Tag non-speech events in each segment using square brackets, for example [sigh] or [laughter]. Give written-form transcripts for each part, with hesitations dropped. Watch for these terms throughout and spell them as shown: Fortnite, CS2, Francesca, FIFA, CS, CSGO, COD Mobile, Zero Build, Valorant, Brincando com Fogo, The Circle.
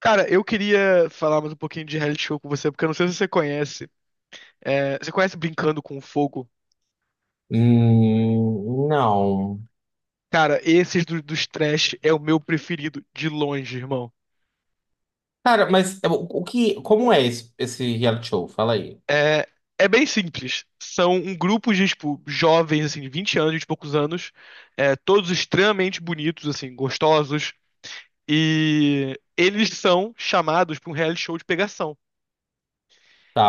Cara, eu queria falar mais um pouquinho de reality show com você, porque eu não sei se você conhece. É, você conhece Brincando com Fogo? Não. Cara, esses dos trash é o meu preferido, de longe, irmão. Cara, mas é, o como é esse, reality show? Fala aí. É, é bem simples. São um grupo de, tipo, jovens, assim, de 20 anos, de poucos anos, todos extremamente bonitos, assim, gostosos, e eles são chamados para um reality show de pegação.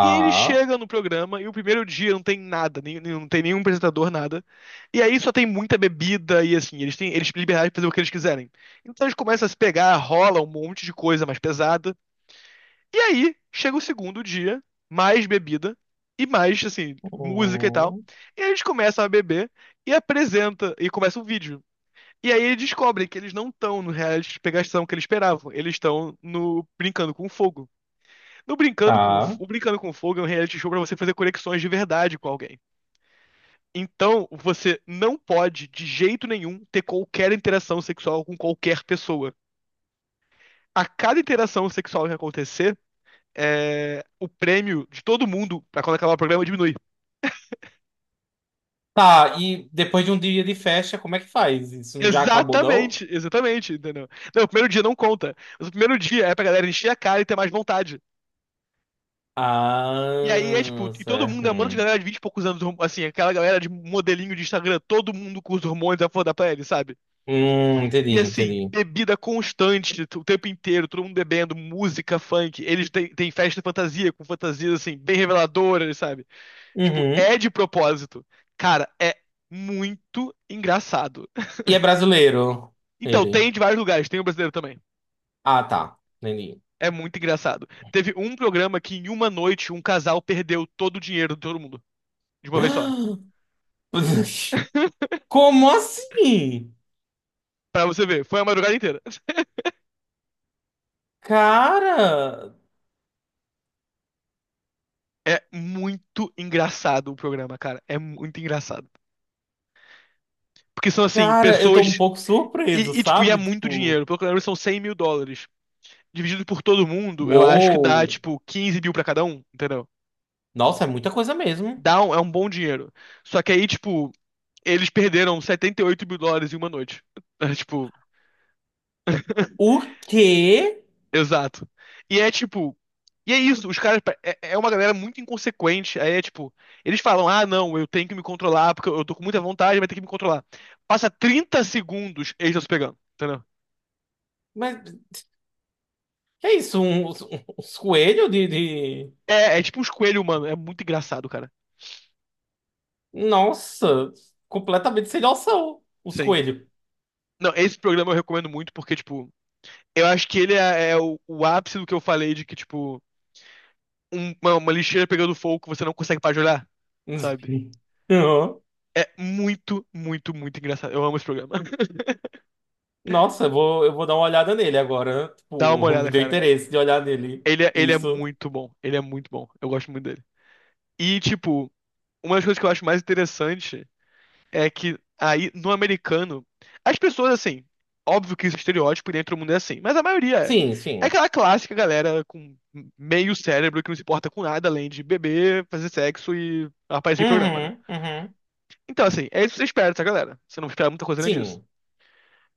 E aí ele chega no programa e o primeiro dia não tem nada, não tem nenhum apresentador, nada. E aí só tem muita bebida e assim, eles têm liberdade de fazer o que eles quiserem. Então eles começam a se pegar, rola um monte de coisa mais pesada. E aí chega o segundo dia, mais bebida e mais, assim, música e tal. Hum, E aí eles começam a beber e apresenta, e começa um vídeo. E aí eles descobrem que eles não estão no reality de pegação que eles esperavam, eles estão no brincando com fogo. No Brincando com, tá. O Brincando com Fogo é um reality show pra você fazer conexões de verdade com alguém. Então, você não pode, de jeito nenhum, ter qualquer interação sexual com qualquer pessoa. A cada interação sexual que acontecer, o prêmio de todo mundo pra quando acabar o programa diminui. Tá, e depois de um dia de festa, como é que faz? Isso já acabou, não? Exatamente, exatamente, entendeu? Não, o primeiro dia não conta. Mas o primeiro dia é pra galera encher a cara e ter mais vontade. E aí é tipo, Ah, e todo certo. mundo é um monte de Hum. galera de 20 e poucos anos, assim, aquela galera de modelinho de Instagram, todo mundo com os hormônios à flor da pele, sabe? E Entendi, assim, entendi. bebida constante, o tempo inteiro, todo mundo bebendo, música, funk. Eles têm festa de fantasia, com fantasias, assim, bem reveladoras, sabe? Tipo, Uhum. é de propósito. Cara, é muito engraçado. E é brasileiro, Então, ele. tem de vários lugares, tem o brasileiro também. Ah, tá. Entendi. É muito engraçado. Teve um programa que em uma noite um casal perdeu todo o dinheiro de todo mundo, de uma vez só. [gasps] Como assim? Pra você ver, foi a madrugada inteira. Cara. É muito engraçado o programa, cara. É muito engraçado. Porque são, assim, Cara, eu tô um pessoas. pouco surpreso, E, tipo, e é sabe? muito Tipo, dinheiro. Pelo que eu lembro, são US$ 100 mil. Dividido por todo mundo, eu acho que dá, uou! tipo, 15 mil pra cada um, entendeu? Nossa, é muita coisa mesmo. É um bom dinheiro. Só que aí, tipo, eles perderam US$ 78 mil em uma noite. [laughs] É, tipo, O quê? exato. E é, tipo... E é isso, os caras... É uma galera muito inconsequente. Aí é, tipo... Eles falam, ah, não, eu tenho que me controlar, porque eu tô com muita vontade, vai ter que me controlar. Passa 30 segundos, eles estão se pegando, entendeu? Mas que é isso? Uns coelhos de, de. É tipo uns coelhos, mano. É muito engraçado, cara. Nossa, completamente sem noção. Os Sim. coelhos. Não, esse programa eu recomendo muito porque, tipo, eu acho que ele é o ápice do que eu falei de que, tipo, uma lixeira pegando fogo que você não consegue parar de olhar, sabe? [laughs] Uhum. É muito, muito, muito engraçado. Eu amo esse programa. [laughs] Nossa, eu vou dar uma olhada nele agora. Dá Tipo, uma [laughs] me olhada, deu cara. interesse de olhar nele. Ele é Isso. muito bom. Ele é muito bom. Eu gosto muito dele. E, tipo, uma das coisas que eu acho mais interessante é que aí, no americano, as pessoas, assim, óbvio que isso é estereótipo e dentro do mundo é assim, mas a maioria é. Sim, É sim. aquela clássica galera com meio cérebro que não se importa com nada além de beber, fazer sexo e aparecer em programa, né? Uhum, uhum. Então, assim, é isso que você espera dessa galera. Você não espera muita coisa além disso. Sim.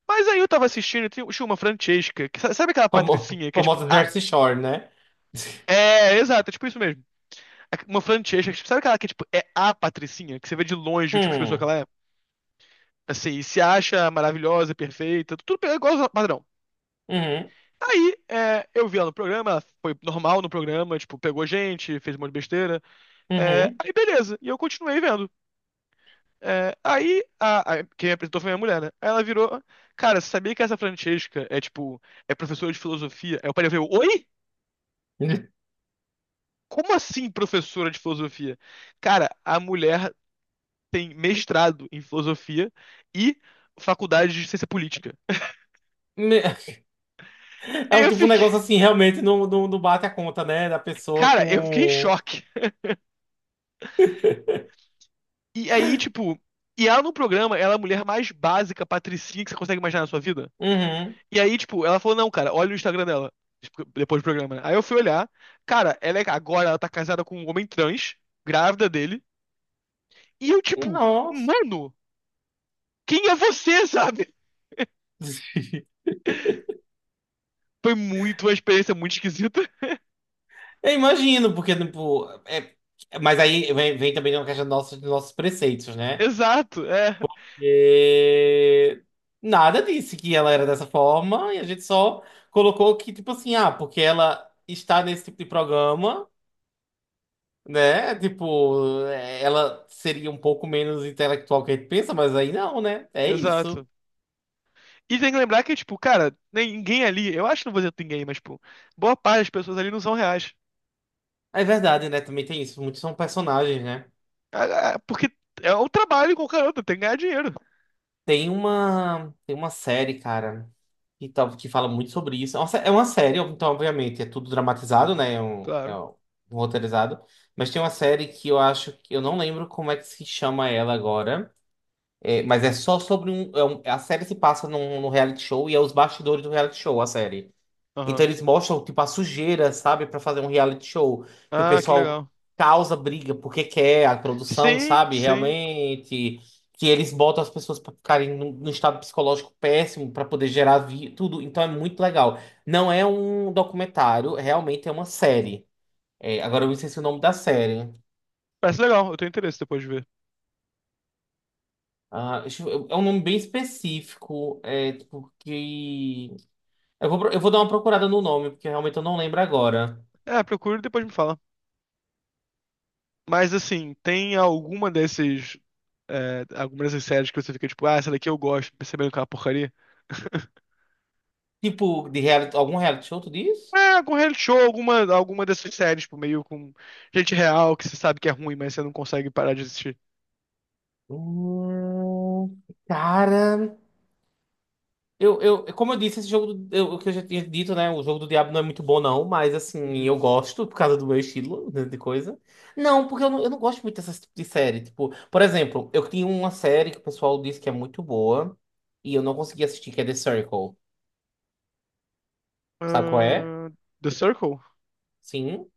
Mas aí eu tava assistindo e tinha uma Francesca, que sabe aquela patricinha que é tipo, Famosa a... Jersey Shore, né? [laughs] É, exato, é tipo isso mesmo. É uma Francesca, sabe aquela que é tipo, é a patricinha, que você vê de longe o tipo de pessoa que Hum, ela é? Assim, se acha maravilhosa, perfeita, tudo é igual ao padrão. uhum, Tá. Aí, eu vi ela no programa, ela foi normal no programa, tipo, pegou gente, fez um monte de besteira. É, uhum. aí, beleza, e eu continuei vendo. É, aí, quem me apresentou foi minha mulher, né? Aí ela virou, cara, você sabia que essa Francesca é, tipo, é professora de filosofia? Aí o pai veio, oi? Me- Como assim professora de filosofia? Cara, a mulher tem mestrado em filosofia e faculdade de ciência política. É um Eu tipo um fiquei, negócio assim, realmente não bate a conta, né? Da pessoa cara, eu fiquei em com. choque. E aí, tipo, e ela no programa, ela é a mulher mais básica, patricinha que você consegue imaginar na sua vida. Uhum. E aí, tipo, ela falou, não, cara, olha o Instagram dela. Tipo, depois do programa, né? Aí eu fui olhar. Cara, agora ela tá casada com um homem trans, grávida dele. E eu, tipo, Nossa. mano, quem é você, sabe? [laughs] Foi muito uma experiência muito esquisita. [laughs] Eu imagino, porque, tipo. Mas aí vem, vem também uma questão dos nossos preceitos, né? Exato, E... Nada disse que ela era dessa forma, e a gente só colocou que, tipo assim, ah, porque ela está nesse tipo de programa, né? Tipo, é, ela seria um pouco menos intelectual que a gente pensa, mas aí não, né? É isso. exato. E tem que lembrar que, tipo, cara, ninguém ali, eu acho que não vou dizer ninguém, mas, tipo, boa parte das pessoas ali não são reais. É verdade, né? Também tem isso. Muitos são personagens, né? Ah, porque é um trabalho com o outro, tem que ganhar dinheiro. Tem uma série, cara, que, tal, que fala muito sobre isso. É uma série, então, obviamente, é tudo dramatizado, né? É Claro. um roteirizado. Mas tem uma série que eu acho que eu não lembro como é que se chama ela agora. É, mas é só sobre um, a série se passa num reality show e é os bastidores do reality show, a série. Então Aham. eles mostram, tipo, a sujeira, sabe? Pra fazer um reality show. Que o Ah, que pessoal legal. causa briga porque quer a produção, Sim, sabe? sim. Realmente. Que eles botam as pessoas pra ficarem num estado psicológico péssimo pra poder gerar tudo. Então é muito legal. Não é um documentário, realmente é uma série. É, agora eu esqueci o nome da série. Parece legal, eu tenho interesse depois de ver. Ah, é um nome bem específico. É, tipo, que. Eu vou dar uma procurada no nome, porque realmente eu não lembro agora. É, procura e depois me fala. Mas assim, tem alguma desses. É, alguma dessas séries que você fica tipo, ah, essa daqui eu gosto, percebendo que é uma porcaria? Tipo, de reality, algum reality show, tu diz? É, algum reality show, alguma dessas séries, tipo, meio com gente real que você sabe que é ruim, mas você não consegue parar de assistir. Cara, como eu disse, esse jogo, do, eu, o que eu já tinha dito, né? O jogo do Diabo não é muito bom, não, mas assim, eu Uhum. gosto por causa do meu estilo né, de coisa. Não, porque eu não gosto muito dessas tipo de série. Tipo, por exemplo, eu tinha uma série que o pessoal disse que é muito boa e eu não consegui assistir, que é The Circle. Sabe qual é? Ah, The Circle? Sim.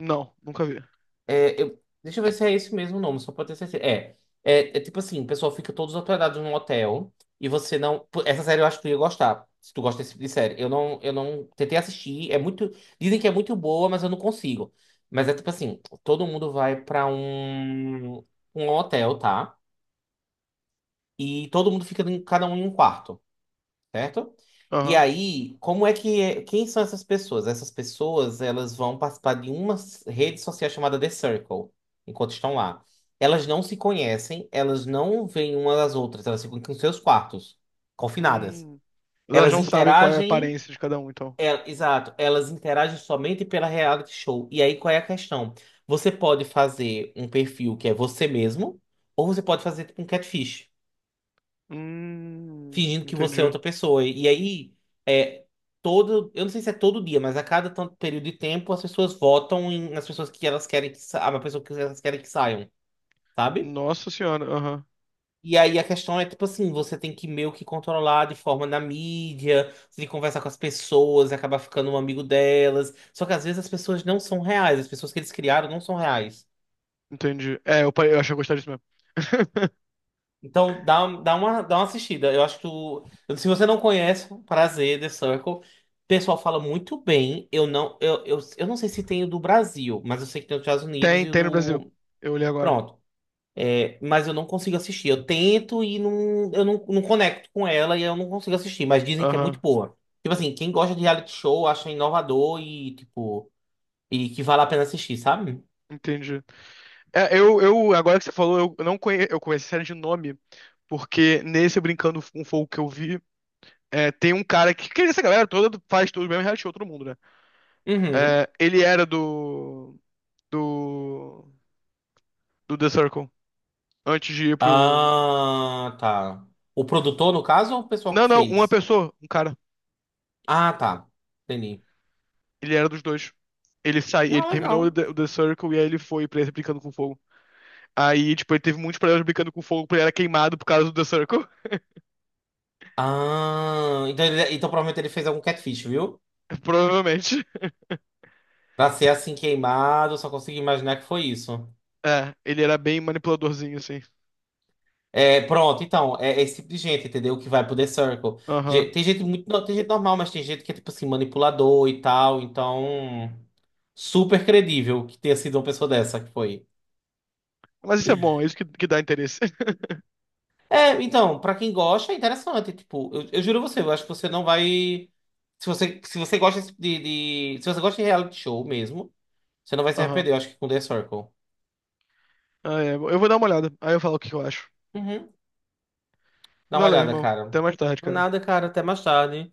Não, nunca vi. É, eu, deixa eu ver se é esse mesmo nome, só pode ter certeza. É tipo assim, o pessoal fica todos hospedados num hotel e você não. Pô, essa série eu acho que tu ia gostar. Se tu gosta desse tipo de série. Eu não tentei assistir. É muito. Dizem que é muito boa, mas eu não consigo. Mas é tipo assim, todo mundo vai pra um hotel, tá? E todo mundo fica em, cada um em um quarto, certo? E Aham. aí, como é que é- quem são essas pessoas? Essas pessoas, elas vão participar de uma rede social chamada The Circle, enquanto estão lá. Elas não se conhecem, elas não veem uma das outras, elas ficam em seus quartos, confinadas. Hum. Elas Elas não sabem qual é a interagem, aparência de cada um, então. Elas interagem somente pela reality show. E aí, qual é a questão? Você pode fazer um perfil que é você mesmo, ou você pode fazer tipo, um catfish fingindo que você é Entendi. outra pessoa. E aí, é, todo, eu não sei se é todo dia, mas a cada tanto período de tempo, as pessoas votam nas pessoas que elas querem que a pessoa que elas querem que saiam, sabe? Nossa senhora, aham. E aí a questão é, tipo assim, você tem que meio que controlar de forma na mídia, você tem que conversar com as pessoas, acabar ficando um amigo delas. Só que às vezes as pessoas não são reais, as pessoas que eles criaram não são reais. Entendi. É, eu achei que eu gostaria disso mesmo. [laughs] Então, dá uma assistida. Eu acho que tu, se você não conhece, um prazer, The Circle. O pessoal fala muito bem. Eu não sei se tem o do Brasil, mas eu sei que tem o dos Estados Unidos Tem, e o tem no Brasil. do. Eu olhei agora. Pronto. É, mas eu não consigo assistir. Eu tento e não, eu não, não conecto com ela e eu não consigo assistir, mas dizem que é muito Aham, boa. Tipo assim, quem gosta de reality show acha inovador e, tipo, e que vale a pena assistir, sabe? entendi. É, agora que você falou, eu não conhe, eu conheço a série de nome, porque nesse Brincando com Fogo que eu vi, tem um cara que essa galera toda faz tudo mesmo, reality show, todo mundo, né? Uhum. É, ele era do, do The Circle, antes de ir pro... Ah, tá. O produtor, no caso, ou o pessoal Não, que não, uma fez? pessoa, um cara. Ah, tá. Entendi. Ele era dos dois. Ele saiu, ele Ah, terminou legal. O The Circle e aí ele foi pra esse Brincando com Fogo. Aí, tipo, ele teve muitos problemas brincando com fogo porque ele era queimado por causa do The Circle. Ah, então, então provavelmente ele fez algum catfish, viu? [laughs] Provavelmente. Pra ser assim queimado, eu só consigo imaginar que foi isso. É, ele era bem manipuladorzinho, assim. É, pronto, então, é, é esse tipo de gente, entendeu? Que vai pro The Circle. Aham. Tem gente muito, tem gente normal, mas tem gente que é, tipo assim, manipulador e tal, então, super credível que tenha sido uma pessoa dessa que foi. Mas isso é bom, é isso que dá interesse. [laughs] É, então, pra quem gosta, é interessante, tipo, eu juro a você, eu acho que você não vai... Se você, se você gosta desse tipo de, se você gosta de reality show mesmo, você não vai se Aham. arrepender, eu acho que com The Circle. Ah, é. Eu vou dar uma olhada. Aí eu falo o que eu acho. Uhum. Dá uma Valeu, olhada, irmão. Até cara. mais tarde, Do cara. nada, cara. Até mais tarde.